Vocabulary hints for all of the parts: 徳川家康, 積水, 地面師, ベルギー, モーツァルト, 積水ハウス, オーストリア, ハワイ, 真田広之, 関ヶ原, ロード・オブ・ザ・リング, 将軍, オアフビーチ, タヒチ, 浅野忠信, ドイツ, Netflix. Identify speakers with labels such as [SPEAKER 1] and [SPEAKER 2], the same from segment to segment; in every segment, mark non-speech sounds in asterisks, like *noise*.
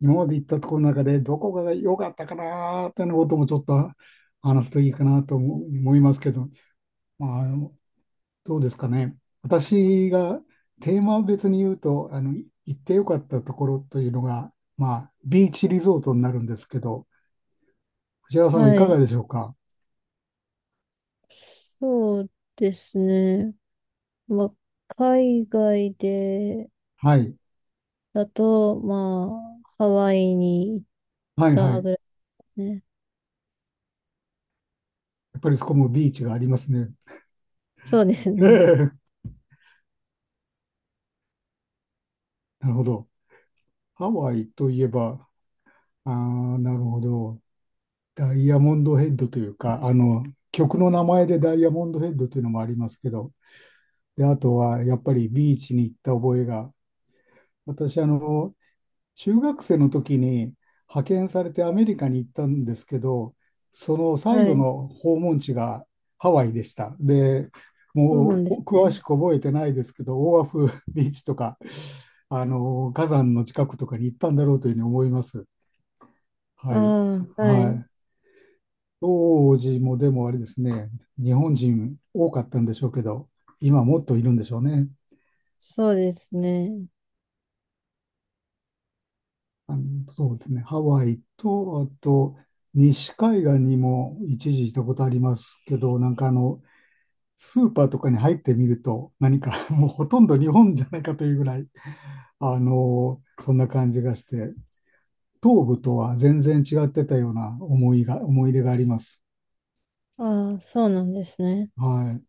[SPEAKER 1] 今まで行ったところの中でどこが良かったかなーっていうのこともちょっと話すといいかなと思いますけど、まあ、どうですかね。私がテーマ別に言うと、行って良かったところというのが、まあ、ビーチリゾートになるんですけど、藤原さんはい
[SPEAKER 2] は
[SPEAKER 1] かが
[SPEAKER 2] い。
[SPEAKER 1] でしょうか。
[SPEAKER 2] そうですね。まあ、海外で
[SPEAKER 1] はい。
[SPEAKER 2] だと、ハワイに行っ
[SPEAKER 1] はいは
[SPEAKER 2] た
[SPEAKER 1] い。
[SPEAKER 2] ぐらいですね。
[SPEAKER 1] やっぱりそこもビーチがありますね。
[SPEAKER 2] そうですね。
[SPEAKER 1] ええ、なるほど。ハワイといえば、ああ、なるほど。ダイヤモンドヘッドというか、曲の名前でダイヤモンドヘッドというのもありますけど、で、あとはやっぱりビーチに行った覚えが、私、中学生の時に派遣されてアメリカに行ったんですけど、その
[SPEAKER 2] は
[SPEAKER 1] 最後
[SPEAKER 2] い。
[SPEAKER 1] の訪問地がハワイでした。で、
[SPEAKER 2] そうな
[SPEAKER 1] も
[SPEAKER 2] んで
[SPEAKER 1] う
[SPEAKER 2] す
[SPEAKER 1] 詳し
[SPEAKER 2] ね。
[SPEAKER 1] く覚えてないですけど、オアフビーチとか、火山の近くとかに行ったんだろうというふうに思います。
[SPEAKER 2] あ
[SPEAKER 1] はい。
[SPEAKER 2] あ、は
[SPEAKER 1] は
[SPEAKER 2] い。
[SPEAKER 1] い。当時もでもあれですね、日本人多かったんでしょうけど、今もっといるんでしょうね。
[SPEAKER 2] そうですね。
[SPEAKER 1] あの、そうですね、ハワイと、あと、西海岸にも一時行ったことありますけど、なんかスーパーとかに入ってみると、何か *laughs* もうほとんど日本じゃないかというぐらい、そんな感じがして、東部とは全然違ってたような思いが、思い出があります。
[SPEAKER 2] ああ、そうなんですね。
[SPEAKER 1] はい。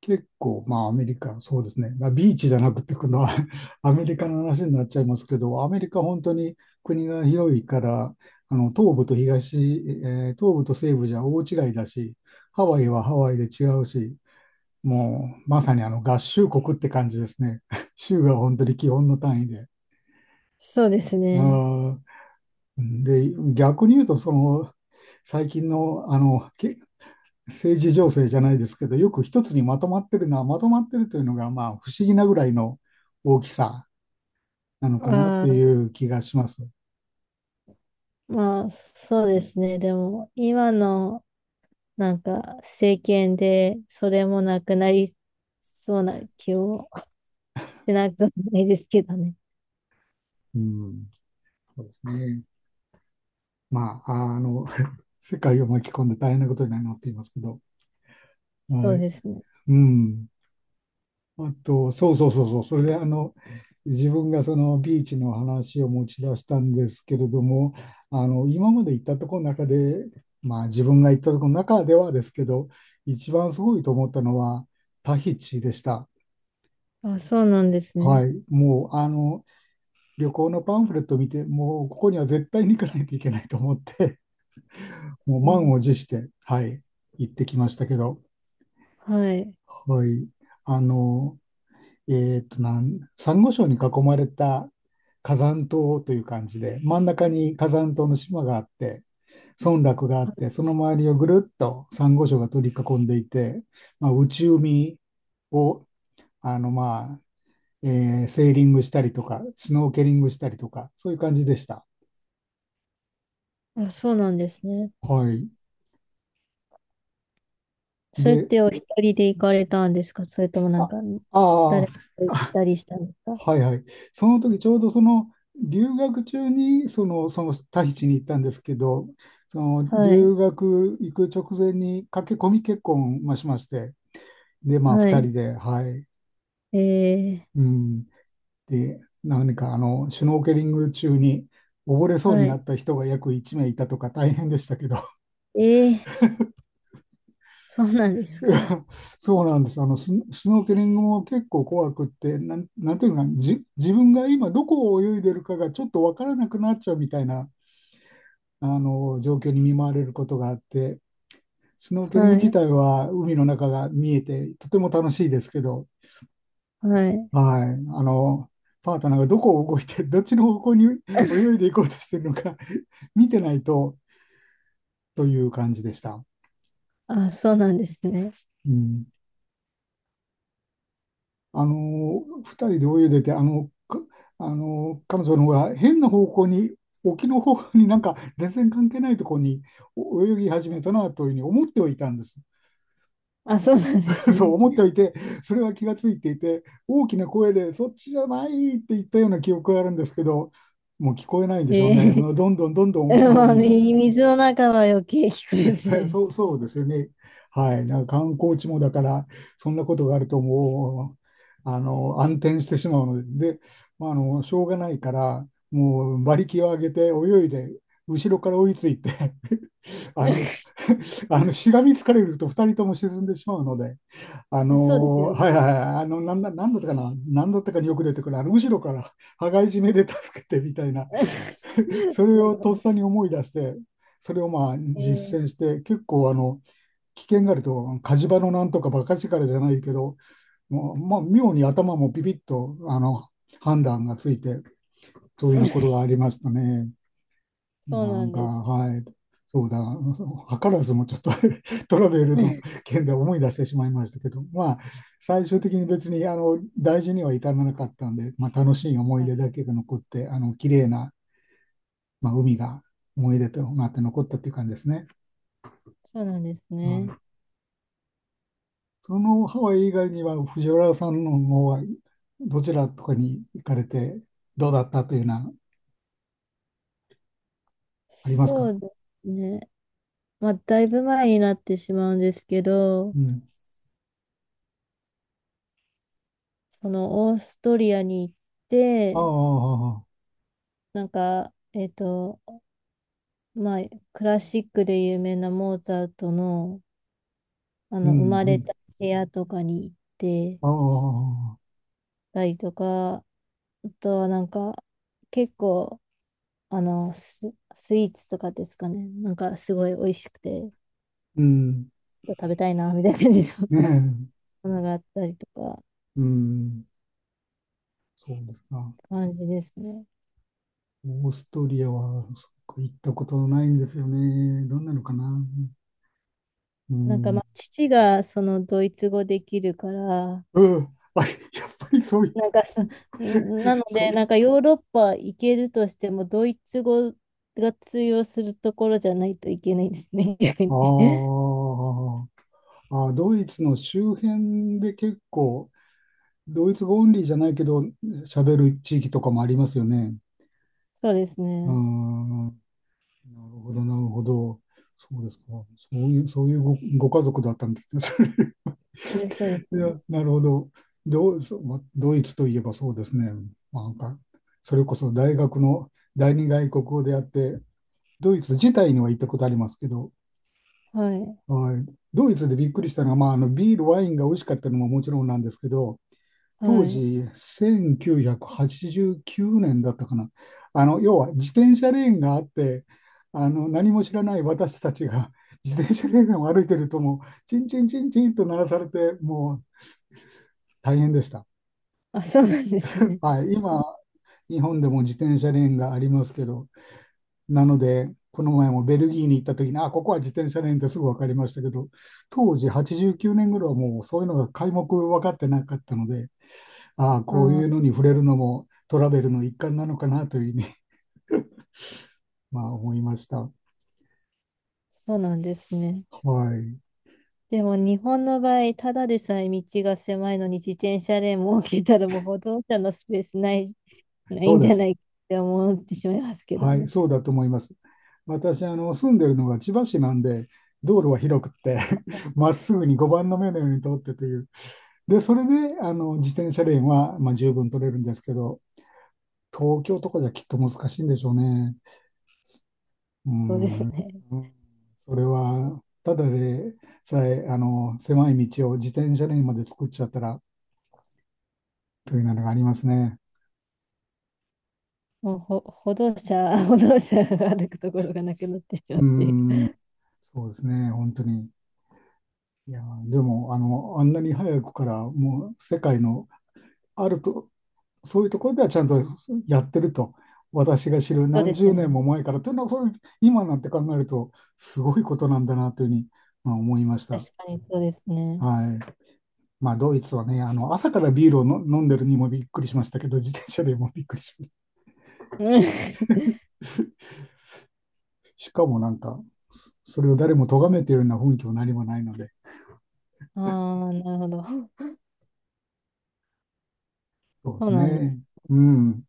[SPEAKER 1] 結構、まあアメリカ、そうですね。まあビーチじゃなくて、この *laughs* アメリカの話になっちゃいますけど、アメリカ本当に国が広いから、東部と東、えー東部と西部じゃ大違いだし、ハワイはハワイで違うし、もうまさに合衆国って感じですね。*laughs* 州が本当に基本の単位で。
[SPEAKER 2] そうですね。
[SPEAKER 1] あーで、逆に言うと、その最近の、あのけ政治情勢じゃないですけど、よく一つにまとまってるのは、まとまってるというのが、まあ、不思議なぐらいの大きさなのかなと
[SPEAKER 2] あ
[SPEAKER 1] い
[SPEAKER 2] あ、
[SPEAKER 1] う気がします。
[SPEAKER 2] そうですね。でも、今の、政権で、それもなくなりそうな気もしなくもないですけどね。
[SPEAKER 1] うん、そうですね。まあ、*laughs* 世界を巻き込んで大変なことになっていますけど、
[SPEAKER 2] そ
[SPEAKER 1] は
[SPEAKER 2] う
[SPEAKER 1] い。
[SPEAKER 2] ですね。
[SPEAKER 1] うん。あと、そうそうそうそう、それで自分がそのビーチの話を持ち出したんですけれども、今まで行ったところの中で、まあ自分が行ったところの中ではですけど、一番すごいと思ったのはタヒチでした。
[SPEAKER 2] あ、そうなんですね。
[SPEAKER 1] はい。もう旅行のパンフレットを見て、もうここには絶対に行かないといけないと思って、*laughs* もう
[SPEAKER 2] う
[SPEAKER 1] 満
[SPEAKER 2] ん、
[SPEAKER 1] を持して、はい、行ってきましたけど、
[SPEAKER 2] はい。
[SPEAKER 1] はい。あの、えっとなん、サンゴ礁に囲まれた火山島という感じで、真ん中に火山島の島があって、村落があって、その周りをぐるっとサンゴ礁が取り囲んでいて、まあ、内海をあの、まあセーリングしたりとか、スノーケリングしたりとか、そういう感じでした。
[SPEAKER 2] あ、そうなんですね。
[SPEAKER 1] はい。
[SPEAKER 2] それっ
[SPEAKER 1] で、
[SPEAKER 2] てお一人で行かれたんですか？それともなん
[SPEAKER 1] あ、
[SPEAKER 2] か、
[SPEAKER 1] あ
[SPEAKER 2] 誰か
[SPEAKER 1] あ、
[SPEAKER 2] と行ったりしたんですか？
[SPEAKER 1] はいはい。その時ちょうどその留学中にそのタヒチに行ったんですけど、その
[SPEAKER 2] は
[SPEAKER 1] 留
[SPEAKER 2] い。
[SPEAKER 1] 学行く直前に駆け込み結婚まあしまして、で、まあ
[SPEAKER 2] は
[SPEAKER 1] 2
[SPEAKER 2] い。
[SPEAKER 1] 人で、はい。
[SPEAKER 2] えー、
[SPEAKER 1] うん。で、何かシュノーケリング中に溺れそう
[SPEAKER 2] は
[SPEAKER 1] にな
[SPEAKER 2] い。
[SPEAKER 1] った人が約1名いたとか大変でしたけど、
[SPEAKER 2] えー、そうなんですか？
[SPEAKER 1] *laughs* そうなんです。スノーケリングも結構怖くって、なんていうのかな、自分が今どこを泳いでるかがちょっとわからなくなっちゃうみたいな状況に見舞われることがあって、スノーケリング
[SPEAKER 2] は
[SPEAKER 1] 自
[SPEAKER 2] い。
[SPEAKER 1] 体は海の中が見えてとても楽しいですけど、
[SPEAKER 2] はい。
[SPEAKER 1] はい、あのパートナーがどこを動いて、*laughs* どっちの方向に泳
[SPEAKER 2] *laughs*
[SPEAKER 1] いでいこうとしてるのか *laughs* 見てないとという感じでした。
[SPEAKER 2] あ、そうなんですね。
[SPEAKER 1] うん、2人で泳いでて、あのか彼女の方が変な方向に、沖の方向になんか全然関係ないところにお泳ぎ始めたなというふうに思ってはいたんです。
[SPEAKER 2] あ、そうなんです
[SPEAKER 1] *laughs*
[SPEAKER 2] ね。
[SPEAKER 1] そう思っておいて、それは気がついていて、大きな声で、そっちじゃないって言ったような記憶があるんですけど、もう聞こえないんでしょう
[SPEAKER 2] え
[SPEAKER 1] ね。
[SPEAKER 2] ー、
[SPEAKER 1] もうどんどんどんどん沖の
[SPEAKER 2] *laughs*
[SPEAKER 1] 方
[SPEAKER 2] まあ、
[SPEAKER 1] に行っ
[SPEAKER 2] 水の中は余計聞
[SPEAKER 1] て、
[SPEAKER 2] こえづらい
[SPEAKER 1] *laughs*
[SPEAKER 2] で
[SPEAKER 1] そ
[SPEAKER 2] す。
[SPEAKER 1] う、そうですよね。はい。なんか観光地もだから、そんなことがあるともう、暗転してしまうので、で、まあ、しょうがないから、もう馬力を上げて泳いで、後ろから追いついて *laughs* あの、
[SPEAKER 2] *laughs*
[SPEAKER 1] *laughs* しがみつかれると2人とも沈んでしまうので、
[SPEAKER 2] そうですよ
[SPEAKER 1] はいはい
[SPEAKER 2] ね。
[SPEAKER 1] はい、なんだったかな、なんだったかによく出てくる、後ろから羽交い締めで助けてみたいな、
[SPEAKER 2] *laughs*
[SPEAKER 1] *laughs*
[SPEAKER 2] す
[SPEAKER 1] それ
[SPEAKER 2] ご
[SPEAKER 1] をとっ
[SPEAKER 2] い。
[SPEAKER 1] さに思い出して、それをまあ
[SPEAKER 2] え
[SPEAKER 1] 実践して、結構危険があると、火事場のなんとか馬鹿力じゃないけど、もう、まあ、妙に頭もビビッと、判断がついて、というようなことが
[SPEAKER 2] ー
[SPEAKER 1] ありましたね。
[SPEAKER 2] そう
[SPEAKER 1] な
[SPEAKER 2] な
[SPEAKER 1] ん
[SPEAKER 2] ん
[SPEAKER 1] か、
[SPEAKER 2] です。
[SPEAKER 1] はい、そうだ、図らずもちょっと *laughs* トラベルの
[SPEAKER 2] *laughs*
[SPEAKER 1] 件で思い出してしまいましたけど、まあ、最終的に別に大事には至らなかったんで、まあ、楽しい思い出だけが残って、あの綺麗な、まあ、海が思い出となって残ったっていう感じですね。
[SPEAKER 2] そうなん *laughs* です
[SPEAKER 1] は
[SPEAKER 2] ね。
[SPEAKER 1] い、そのハワイ以外には、藤原さんの方はどちらとかに行かれて、どうだったというのはあります
[SPEAKER 2] そ
[SPEAKER 1] か？
[SPEAKER 2] うですね。まあ、だいぶ前になってしまうんですけど、
[SPEAKER 1] うん。
[SPEAKER 2] そのオーストリアに行っ
[SPEAKER 1] あ
[SPEAKER 2] て、
[SPEAKER 1] あ、
[SPEAKER 2] なんか、えっと、まあ、クラシックで有名なモーツァルトの、あ
[SPEAKER 1] う
[SPEAKER 2] の、生
[SPEAKER 1] ん、
[SPEAKER 2] ま
[SPEAKER 1] う
[SPEAKER 2] れ
[SPEAKER 1] ん。
[SPEAKER 2] た部屋とかに行って
[SPEAKER 1] ああ、
[SPEAKER 2] たりとか、あとはなんか、結構、あの、ス、スイーツとかですかね。なんか、すごい美味しくて、
[SPEAKER 1] うん。
[SPEAKER 2] 食べたいな、みたいな感じで
[SPEAKER 1] ねえ。
[SPEAKER 2] 花があったりとかっ
[SPEAKER 1] うん、そうですか。
[SPEAKER 2] て感じですね。
[SPEAKER 1] オーストリアはそっか行ったことないんですよね。どんなのかな。う
[SPEAKER 2] なんか
[SPEAKER 1] ん。
[SPEAKER 2] まあ父がそのドイツ語できるから、
[SPEAKER 1] うん。あ、やっぱりそういう、
[SPEAKER 2] なんかそ、なの
[SPEAKER 1] そ
[SPEAKER 2] で
[SPEAKER 1] う。
[SPEAKER 2] なんかヨーロッパ行けるとしてもドイツ語が通用するところじゃないといけないですね、*laughs* 逆
[SPEAKER 1] あ、
[SPEAKER 2] に。*laughs*
[SPEAKER 1] ーあ、ドイツの周辺で結構、ドイツ語オンリーじゃないけど、喋る地域とかもありますよね。
[SPEAKER 2] そうです
[SPEAKER 1] う
[SPEAKER 2] ね。
[SPEAKER 1] ん。なるほど、なるほど。そうですか。そういうご家族だったんですね。
[SPEAKER 2] えそうです
[SPEAKER 1] い
[SPEAKER 2] ね。
[SPEAKER 1] や、なるほど。ドう、そうまあドイツといえばそうですね。まあなんか、それこそ大学の第二外国語であって、ドイツ自体には行ったことありますけど、
[SPEAKER 2] はい。
[SPEAKER 1] はい、ドイツでびっくりしたのは、まあ、あのビール、ワインが美味しかったのももちろんなんですけど、当
[SPEAKER 2] はい。
[SPEAKER 1] 時、1989年だったかな。要は自転車レーンがあって、何も知らない私たちが *laughs* 自転車レーンを歩いてると、もう、チンチンチンチンと鳴らされて、もう大変でした。
[SPEAKER 2] あ、そうなんですね。
[SPEAKER 1] はい、今、日本でも自転車レーンがありますけど、なので、この前もベルギーに行った時に、あ、ここは自転車レーンってすぐ分かりましたけど、当時89年いはもうそういうのが皆目分かってなかったので、ああ、
[SPEAKER 2] あ
[SPEAKER 1] こうい
[SPEAKER 2] ー、
[SPEAKER 1] うのに触れるのもトラベルの一環なのかなというふうに、*laughs* まあ、思いました。
[SPEAKER 2] そうなんですね。
[SPEAKER 1] はい、
[SPEAKER 2] でも日本の場合、ただでさえ道が狭いのに自転車レーンも設けたらもう歩道者のスペースない
[SPEAKER 1] そう
[SPEAKER 2] ん
[SPEAKER 1] で
[SPEAKER 2] じゃ
[SPEAKER 1] す。
[SPEAKER 2] ないって思ってしまいますけど
[SPEAKER 1] はい、
[SPEAKER 2] ね。
[SPEAKER 1] そうだと思います。私、住んでるのが千葉市なんで、道路は広くって *laughs* まっすぐに碁番の目のように通ってという、で、それで、自転車レーンは、まあ、十分取れるんですけど、東京とかじゃきっと難しいんでしょうね。う
[SPEAKER 2] そうで
[SPEAKER 1] ん。
[SPEAKER 2] す
[SPEAKER 1] うん。
[SPEAKER 2] ね。
[SPEAKER 1] それは、ただでさえ、狭い道を自転車レーンまで作っちゃったら、というのがありますね。
[SPEAKER 2] もう歩道者、*laughs* 歩道者が歩くところがなくなってしま
[SPEAKER 1] う
[SPEAKER 2] っている。
[SPEAKER 1] ん。そうですね、本当に。いやー、でも、あんなに早くから、もう、世界のあると、そういうところではちゃんとやってると、私が知る
[SPEAKER 2] そうで
[SPEAKER 1] 何
[SPEAKER 2] す
[SPEAKER 1] 十
[SPEAKER 2] よ
[SPEAKER 1] 年
[SPEAKER 2] ね。
[SPEAKER 1] も前からというのは、それ今なんて考えると、すごいことなんだなというふうに、まあ、思いました。
[SPEAKER 2] 確かにそうですね。
[SPEAKER 1] はい。まあ、ドイツはね、朝からビールを飲んでるにもびっくりしましたけど、自転車でもびっくりしました。
[SPEAKER 2] *laughs*
[SPEAKER 1] しかもなんか、それを誰も咎めているような雰囲気も何もないので、
[SPEAKER 2] うん。*laughs* ああ、なるほど。
[SPEAKER 1] そうで
[SPEAKER 2] そう
[SPEAKER 1] す
[SPEAKER 2] なんです
[SPEAKER 1] ね。うん。